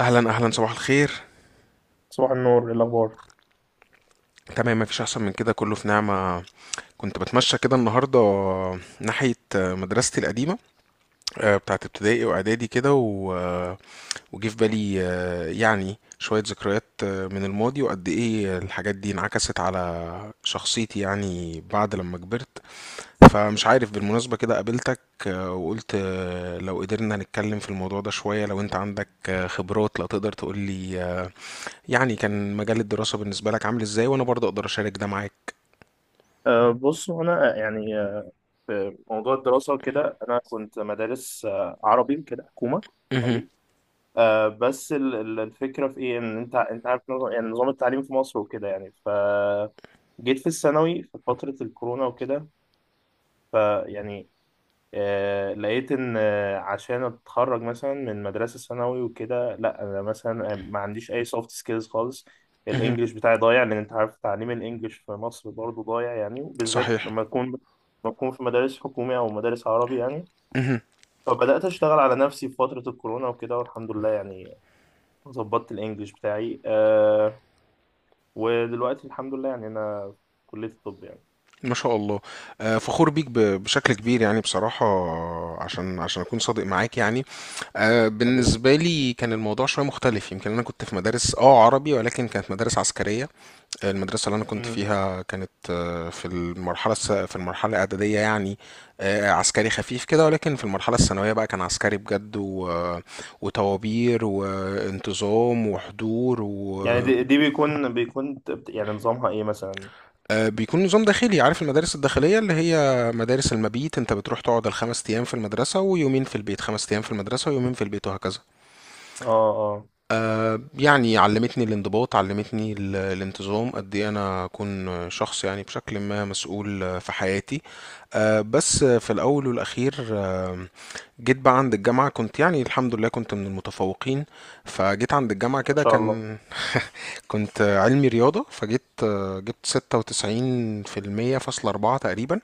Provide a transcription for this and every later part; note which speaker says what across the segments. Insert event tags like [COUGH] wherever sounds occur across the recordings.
Speaker 1: اهلا اهلا، صباح الخير.
Speaker 2: صباح النور. إيه الأخبار؟
Speaker 1: تمام، مفيش احسن من كده، كله في نعمه. كنت بتمشى كده النهارده ناحيه مدرستي القديمه، بتاعت ابتدائي واعدادي كده وجه في بالي، يعني شويه ذكريات من الماضي، وقد ايه الحاجات دي انعكست على شخصيتي يعني بعد لما كبرت. فمش عارف بالمناسبه كده قابلتك، وقلت لو قدرنا نتكلم في الموضوع ده شويه، لو انت عندك خبرات لا تقدر تقولي يعني كان مجال الدراسة بالنسبة لك عامل ازاي، وانا برضه اقدر اشارك ده معاك.
Speaker 2: أه، بص. أنا يعني في موضوع الدراسة كده أنا كنت مدارس عربي كده، حكومة
Speaker 1: مهم.
Speaker 2: عادي. أه بس الفكرة في إيه؟ إن أنت عارف نظام، يعني نظام التعليم في مصر وكده. يعني ف جيت في الثانوي في فترة الكورونا وكده، فيعني لقيت ان عشان اتخرج مثلا من مدرسه ثانوي وكده، لا انا مثلا ما عنديش اي سوفت سكيلز خالص.
Speaker 1: مهم.
Speaker 2: الانجليش بتاعي ضايع، لان انت عارف تعليم الانجليش في مصر برضو ضايع يعني، وبالذات
Speaker 1: صحيح.
Speaker 2: لما اكون، لما اكون في مدارس حكوميه او مدارس عربي يعني.
Speaker 1: مهم.
Speaker 2: فبدات اشتغل على نفسي في فتره الكورونا وكده، والحمد لله يعني ظبطت الانجليش بتاعي. أه، ودلوقتي الحمد لله يعني انا في كليه الطب يعني.
Speaker 1: ما شاء الله. فخور بيك بشكل كبير يعني، بصراحة عشان عشان أكون صادق معاك يعني.
Speaker 2: حبيبي.
Speaker 1: بالنسبة لي كان الموضوع شوية مختلف. يمكن أنا كنت في مدارس اه عربي، ولكن كانت مدارس عسكرية. المدرسة اللي أنا كنت
Speaker 2: مم.
Speaker 1: فيها كانت، في المرحلة في المرحلة الإعدادية يعني، عسكري خفيف كده، ولكن في المرحلة الثانوية بقى كان عسكري بجد و... آه، وطوابير وانتظام وحضور
Speaker 2: يعني
Speaker 1: و...
Speaker 2: دي بيكون يعني نظامها ايه مثلا؟
Speaker 1: آه، بيكون نظام داخلي. عارف المدارس الداخلية اللي هي مدارس المبيت، أنت بتروح تقعد الخمس أيام في المدرسة ويومين في البيت، خمس أيام في المدرسة ويومين في البيت، وهكذا.
Speaker 2: اه، اه.
Speaker 1: يعني علمتني الانضباط، علمتني الانتظام، قد ايه انا اكون شخص يعني بشكل ما مسؤول في حياتي. بس في الاول والاخير، جيت بقى عند الجامعة كنت، يعني الحمد لله كنت من المتفوقين. فجيت عند الجامعة
Speaker 2: ما
Speaker 1: كده
Speaker 2: شاء الله.
Speaker 1: كان، كنت علمي رياضة، فجيت جبت 96.4% تقريبا.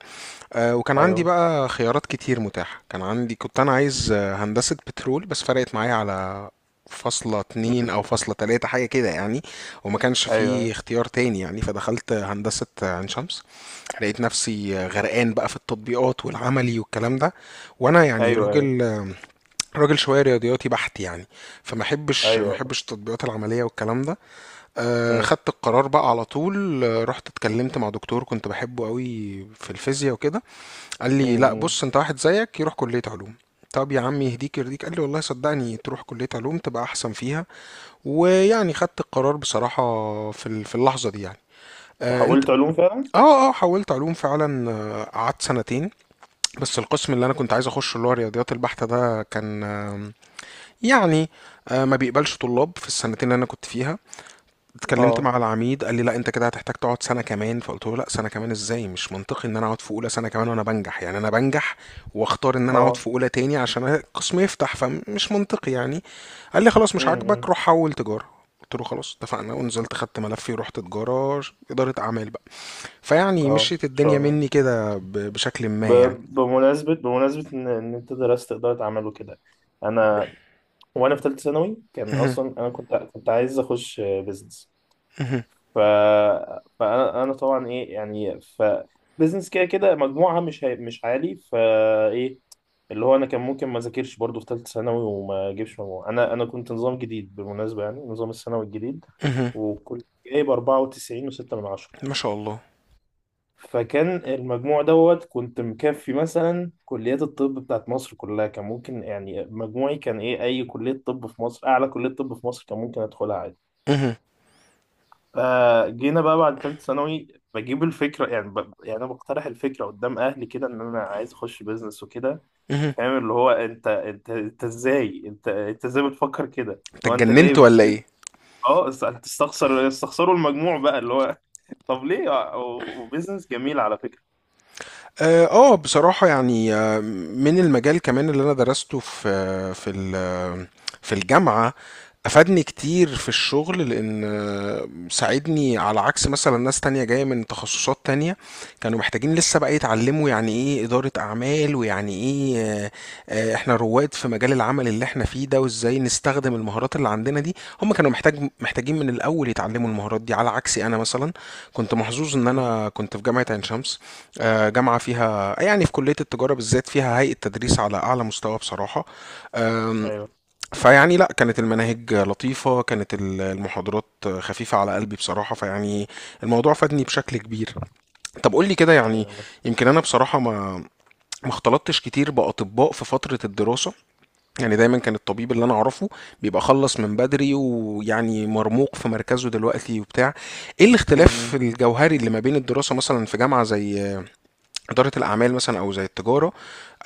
Speaker 1: وكان عندي
Speaker 2: ايوه.
Speaker 1: بقى خيارات كتير متاحة، كان عندي كنت أنا عايز هندسة بترول، بس فرقت معايا على 0.2
Speaker 2: أمم.
Speaker 1: أو 0.3 حاجة كده يعني. وما كانش
Speaker 2: ايوه،
Speaker 1: فيه
Speaker 2: ايوه.
Speaker 1: اختيار تاني يعني، فدخلت هندسة عين شمس. لقيت نفسي غرقان بقى في التطبيقات والعملي والكلام ده، وأنا يعني
Speaker 2: ايوه، ايوه.
Speaker 1: راجل، راجل شوية رياضياتي بحت يعني. فما احبش ما
Speaker 2: ايوه.
Speaker 1: احبش التطبيقات العملية والكلام ده.
Speaker 2: أمم.
Speaker 1: خدت القرار بقى على طول، رحت اتكلمت مع دكتور كنت بحبه قوي في الفيزياء وكده. قال
Speaker 2: أمم.
Speaker 1: لي لا
Speaker 2: أمم.
Speaker 1: بص، انت واحد زيك يروح كلية علوم. طب يا عم يهديك يرضيك، قال لي والله صدقني، تروح كلية علوم تبقى احسن فيها. ويعني خدت القرار بصراحة في في اللحظة دي يعني. آه انت.
Speaker 2: وحولت علوم فعلا.
Speaker 1: اه اه، حولت علوم فعلا. قعدت 2 سنين، بس القسم اللي انا كنت عايز اخشه اللي هو الرياضيات البحتة ده كان، يعني ما بيقبلش طلاب في السنتين اللي انا كنت فيها. اتكلمت
Speaker 2: اه،
Speaker 1: مع العميد، قال لي لا انت كده هتحتاج تقعد سنه كمان. فقلت له لا، سنه كمان ازاي؟ مش منطقي ان انا اقعد في اولى سنه كمان وانا بنجح، يعني انا بنجح واختار ان انا اقعد في
Speaker 2: اه.
Speaker 1: اولى تاني عشان القسم يفتح، فمش منطقي يعني. قال لي خلاص مش عاجبك،
Speaker 2: أمم.
Speaker 1: روح حول تجاره. قلت له خلاص اتفقنا، ونزلت خدت ملفي ورحت تجاره، اداره اعمال بقى. فيعني
Speaker 2: اه، ان
Speaker 1: مشيت
Speaker 2: شاء
Speaker 1: الدنيا
Speaker 2: الله.
Speaker 1: مني كده، بشكل
Speaker 2: ب...
Speaker 1: ما يعني.
Speaker 2: بمناسبة، بمناسبة ان إن انت درست ادارة اعمال وكده، انا وانا في ثالثة ثانوي كان
Speaker 1: مهم.
Speaker 2: اصلا انا كنت عايز اخش بيزنس.
Speaker 1: مهم.
Speaker 2: ف... فانا انا طبعا ايه يعني، ف بيزنس كده كده مجموعها مش هي، مش عالي فايه، اللي هو انا كان ممكن ما اذاكرش برضو في ثالثه ثانوي وما اجيبش مجموع. انا كنت نظام جديد بالمناسبه، يعني نظام الثانوي الجديد،
Speaker 1: مهم.
Speaker 2: وكنت جايب 94 و6 من عشرة.
Speaker 1: ما شاء الله.
Speaker 2: فكان المجموع دوت كنت مكفي مثلا كليات الطب بتاعت مصر كلها، كان ممكن يعني مجموعي كان ايه، اي كلية طب في مصر، اعلى كلية طب في مصر كان ممكن ادخلها عادي.
Speaker 1: مهم.
Speaker 2: فجينا بقى بعد ثالثة ثانوي بجيب الفكرة، يعني يعني انا بقترح الفكرة قدام اهلي كده ان انا عايز اخش بيزنس وكده.
Speaker 1: مهم.
Speaker 2: فاهم اللي هو انت ازاي، انت ازاي بتفكر كده
Speaker 1: انت
Speaker 2: لو انت
Speaker 1: اتجننت
Speaker 2: جايب
Speaker 1: ولا
Speaker 2: كده؟
Speaker 1: ايه؟
Speaker 2: اه، هتستخسر، استخسروا المجموع بقى اللي هو [LAUGHS] طب ليه؟ وبيزنس جميل على فكرة.
Speaker 1: اه، بصراحة يعني، من المجال كمان اللي انا درسته في، في الجامعة افادني كتير في الشغل، لان ساعدني على عكس مثلا ناس تانية جاية من تخصصات تانية، كانوا محتاجين لسه بقى يتعلموا يعني ايه إدارة اعمال، ويعني ايه احنا رواد في مجال العمل اللي احنا فيه ده، وازاي نستخدم المهارات اللي عندنا دي. هم كانوا محتاجين من الاول يتعلموا المهارات دي، على عكسي انا مثلا كنت محظوظ ان
Speaker 2: امم.
Speaker 1: انا كنت في جامعة عين شمس. جامعة فيها يعني، في كلية التجارة بالذات فيها هيئة تدريس على أعلى مستوى بصراحة. آم،
Speaker 2: ايوه.
Speaker 1: فيعني لا، كانت المناهج لطيفة، كانت المحاضرات خفيفة على قلبي بصراحة، فيعني الموضوع فادني بشكل كبير. طب قول لي كده يعني،
Speaker 2: ايوه.
Speaker 1: يمكن أنا بصراحة ما، ما اختلطتش كتير بأطباء في فترة الدراسة. يعني دايما كان الطبيب اللي أنا أعرفه بيبقى خلص من بدري، ويعني مرموق في مركزه دلوقتي وبتاع. إيه الاختلاف
Speaker 2: امم.
Speaker 1: الجوهري اللي ما بين الدراسة مثلا في جامعة زي إدارة الأعمال مثلا أو زي التجارة،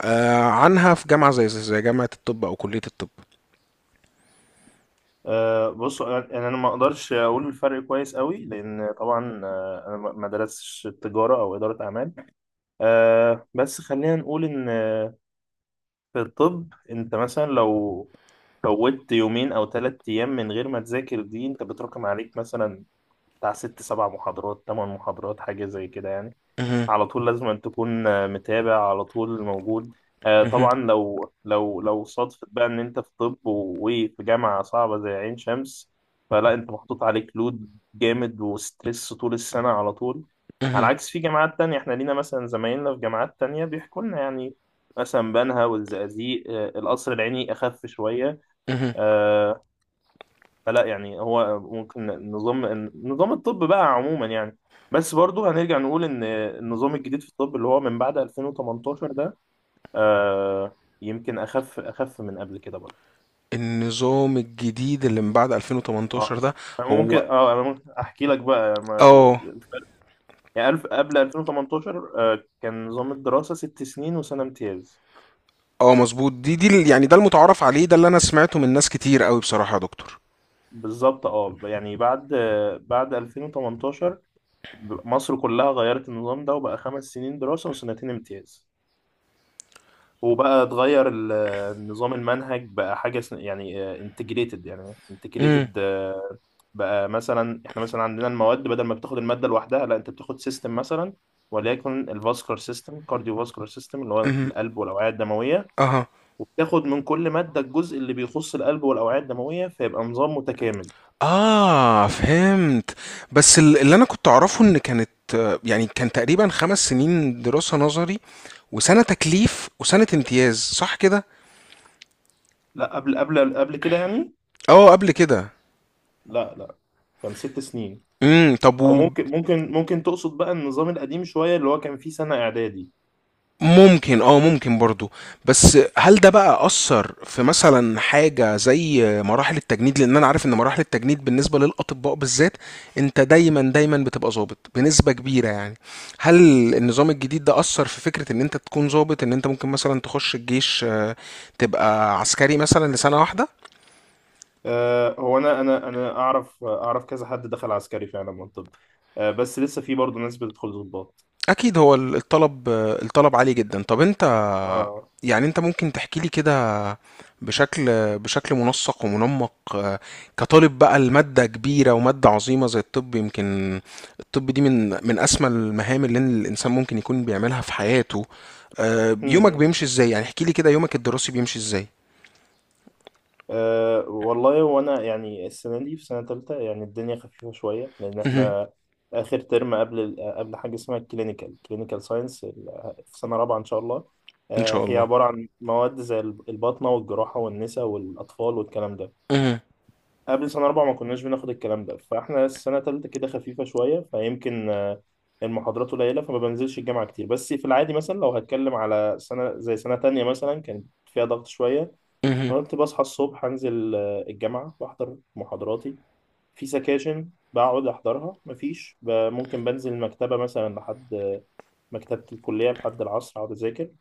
Speaker 1: عنها في جامعة زي زي جامعة الطب أو كلية الطب؟
Speaker 2: أه بص، يعني انا ما اقدرش اقول الفرق كويس قوي لان طبعا انا ما درستش تجاره او اداره اعمال. أه بس خلينا نقول ان في الطب انت مثلا لو فوتت 2 أو 3 أيام من غير ما تذاكر، دي انت بتراكم عليك مثلا بتاع 6 7 محاضرات، 8 محاضرات، حاجة زي كده يعني.
Speaker 1: مهم،
Speaker 2: على طول لازم أن تكون متابع على طول، موجود.
Speaker 1: مهم،
Speaker 2: طبعا لو لو صادفت بقى ان انت في طب وفي جامعة صعبة زي عين شمس، فلا، انت محطوط عليك لود جامد وستريس طول السنة على طول، على
Speaker 1: مهم،
Speaker 2: عكس في جامعات تانية. احنا لينا مثلا زمايلنا في جامعات تانية بيحكوا لنا يعني، مثلا بنها والزقازيق القصر العيني أخف شوية.
Speaker 1: مهم.
Speaker 2: آه، فلا يعني، هو ممكن نظام، نظام الطب بقى عموما يعني. بس برضو هنرجع نقول ان النظام الجديد في الطب، اللي هو من بعد 2018 ده، آه يمكن اخف، اخف من قبل كده برضو.
Speaker 1: النظام الجديد اللي من بعد 2018
Speaker 2: اه.
Speaker 1: ده؟
Speaker 2: أنا ممكن،
Speaker 1: هو،
Speaker 2: اه انا ممكن احكي لك بقى ما
Speaker 1: اه
Speaker 2: الفرق. يعني قبل 2018 آه كان نظام الدراسة 6 سنين وسنة امتياز.
Speaker 1: اه مظبوط. دي يعني ده المتعارف عليه، ده اللي أنا سمعته من ناس كتير قوي بصراحة يا دكتور.
Speaker 2: بالظبط، اه. يعني بعد بعد 2018 مصر كلها غيرت النظام ده، وبقى 5 سنين دراسة وسنتين امتياز، وبقى اتغير ال نظام المنهج بقى حاجة يعني انتجريتد، يعني
Speaker 1: مم،
Speaker 2: انتجريتد بقى. مثلا احنا مثلا عندنا المواد، بدل ما بتاخد المادة لوحدها، لا انت بتاخد سيستم مثلا، وليكن الفاسكولار سيستم، كارديوفاسكولار سيستم، اللي هو
Speaker 1: مهم،
Speaker 2: القلب والأوعية الدموية،
Speaker 1: اها.
Speaker 2: وبتاخد من كل مادة الجزء اللي بيخص القلب والأوعية الدموية، فيبقى نظام متكامل.
Speaker 1: اه فهمت. بس اللي انا كنت اعرفه ان كانت، يعني كان تقريبا 5 سنين دراسة نظري وسنة تكليف وسنة امتياز، صح كده؟
Speaker 2: لا، قبل كده يعني.
Speaker 1: اه قبل كده.
Speaker 2: لا، لا. كان 6 سنين.
Speaker 1: طب.
Speaker 2: او ممكن، ممكن تقصد بقى النظام القديم شوية، اللي هو كان فيه سنة إعدادي.
Speaker 1: وممكن اه، ممكن برضو. بس هل ده بقى أثر في مثلا حاجة زي مراحل التجنيد؟ لأن أنا عارف إن مراحل التجنيد بالنسبة للأطباء بالذات، أنت دايما بتبقى ظابط بنسبة كبيرة يعني. هل النظام الجديد ده أثر في فكرة إن أنت تكون ظابط، إن أنت ممكن مثلا تخش الجيش، تبقى عسكري مثلا لسنة واحدة؟
Speaker 2: هو انا اعرف، اعرف كذا حد دخل عسكري فعلا من الطب. بس لسه في برضه ناس بتدخل ضباط.
Speaker 1: اكيد، هو الطلب الطلب عالي جدا. طب انت،
Speaker 2: اه.
Speaker 1: يعني انت ممكن تحكي لي كده بشكل بشكل منسق ومنمق، كطالب بقى، المادة كبيرة ومادة عظيمة زي الطب. يمكن الطب دي من من اسمى المهام اللي الانسان ممكن يكون بيعملها في حياته. يومك
Speaker 2: مم.
Speaker 1: بيمشي ازاي؟ يعني احكي لي كده يومك الدراسي بيمشي ازاي.
Speaker 2: والله، وانا يعني السنه دي في سنه تالتة، يعني الدنيا خفيفه شويه لان
Speaker 1: مهم.
Speaker 2: احنا اخر ترم قبل قبل حاجه اسمها الكلينيكال، كلينيكال ساينس، في سنه رابعه ان شاء الله.
Speaker 1: ان شاء
Speaker 2: هي
Speaker 1: الله.
Speaker 2: عباره عن مواد زي الباطنه والجراحه والنساء والاطفال والكلام ده.
Speaker 1: مهم.
Speaker 2: قبل سنة رابعة ما كناش بناخد الكلام ده، فاحنا السنة تالتة كده خفيفة شوية، فيمكن المحاضرات قليلة فما بنزلش الجامعة كتير. بس في العادي مثلا لو هتكلم على سنة زي سنة تانية مثلا كانت فيها ضغط شوية.
Speaker 1: مهم.
Speaker 2: أنا كنت بصحى الصبح، أنزل الجامعة وأحضر محاضراتي، في سكاشن بقعد أحضرها، مفيش ممكن بنزل المكتبة مثلا لحد مكتبة الكلية لحد العصر، أقعد أذاكر،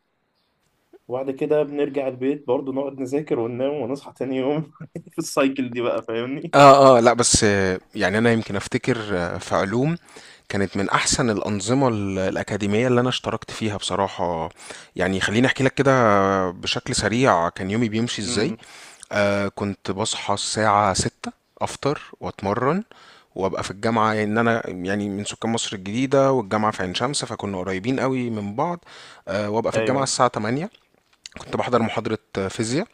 Speaker 2: وبعد كده بنرجع البيت برضه، نقعد نذاكر وننام ونصحى تاني يوم [LAUGHS] في السايكل دي بقى، فاهمني؟
Speaker 1: اه اه لا، بس يعني انا يمكن افتكر في علوم كانت من احسن الانظمه الاكاديميه اللي انا اشتركت فيها بصراحه. يعني خليني احكي لك كده بشكل سريع كان يومي بيمشي ازاي. آه كنت بصحى الساعه 6، افطر واتمرن، وابقى في الجامعه، ان انا يعني من سكان مصر الجديده والجامعه في عين شمس، فكنا قريبين قوي من بعض. آه، وابقى في الجامعه
Speaker 2: ايوه.
Speaker 1: الساعه 8، كنت بحضر محاضره فيزياء.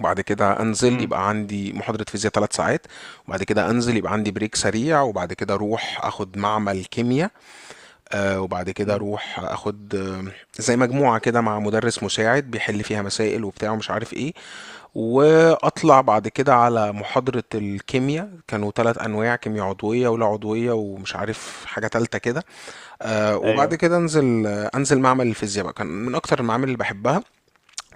Speaker 1: وبعد كده انزل،
Speaker 2: امم.
Speaker 1: يبقى عندي محاضرة فيزياء 3 ساعات. وبعد كده انزل يبقى عندي بريك سريع. وبعد كده اروح اخد معمل كيمياء، وبعد كده
Speaker 2: أمم.
Speaker 1: اروح اخد زي مجموعة كده مع مدرس مساعد بيحل فيها مسائل وبتاع ومش عارف ايه. واطلع بعد كده على محاضرة الكيمياء، كانوا 3 انواع، كيمياء عضوية ولا عضوية ومش عارف حاجة تالتة كده. آه، وبعد
Speaker 2: ايوه.
Speaker 1: كده انزل آه، انزل معمل الفيزياء بقى، كان من اكتر المعامل اللي بحبها.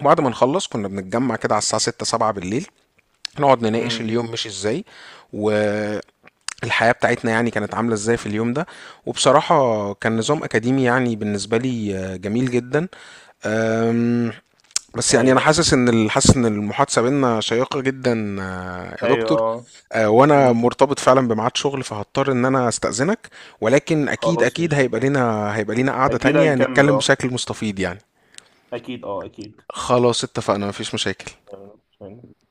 Speaker 1: وبعد ما نخلص كنا بنتجمع كده على الساعة 6 7 بالليل، نقعد نناقش
Speaker 2: امم.
Speaker 1: اليوم مشي ازاي، والحياة بتاعتنا يعني كانت عاملة ازاي في اليوم ده. وبصراحة كان نظام أكاديمي يعني بالنسبة لي جميل جدا. أم، بس يعني أنا
Speaker 2: ايوه،
Speaker 1: حاسس إن حاسس إن المحادثة بينا شيقة جدا، يا
Speaker 2: ايوه،
Speaker 1: دكتور.
Speaker 2: اه.
Speaker 1: وأنا
Speaker 2: امم.
Speaker 1: مرتبط فعلا بميعاد شغل، فهضطر إن أنا أستأذنك. ولكن أكيد
Speaker 2: خلاص مش
Speaker 1: هيبقى لنا هيبقى لنا قعدة
Speaker 2: اكيد
Speaker 1: تانية
Speaker 2: هنكمل،
Speaker 1: نتكلم
Speaker 2: اه.
Speaker 1: بشكل مستفيض يعني.
Speaker 2: اكيد، اه.
Speaker 1: خلاص اتفقنا، مفيش مشاكل.
Speaker 2: اكيد.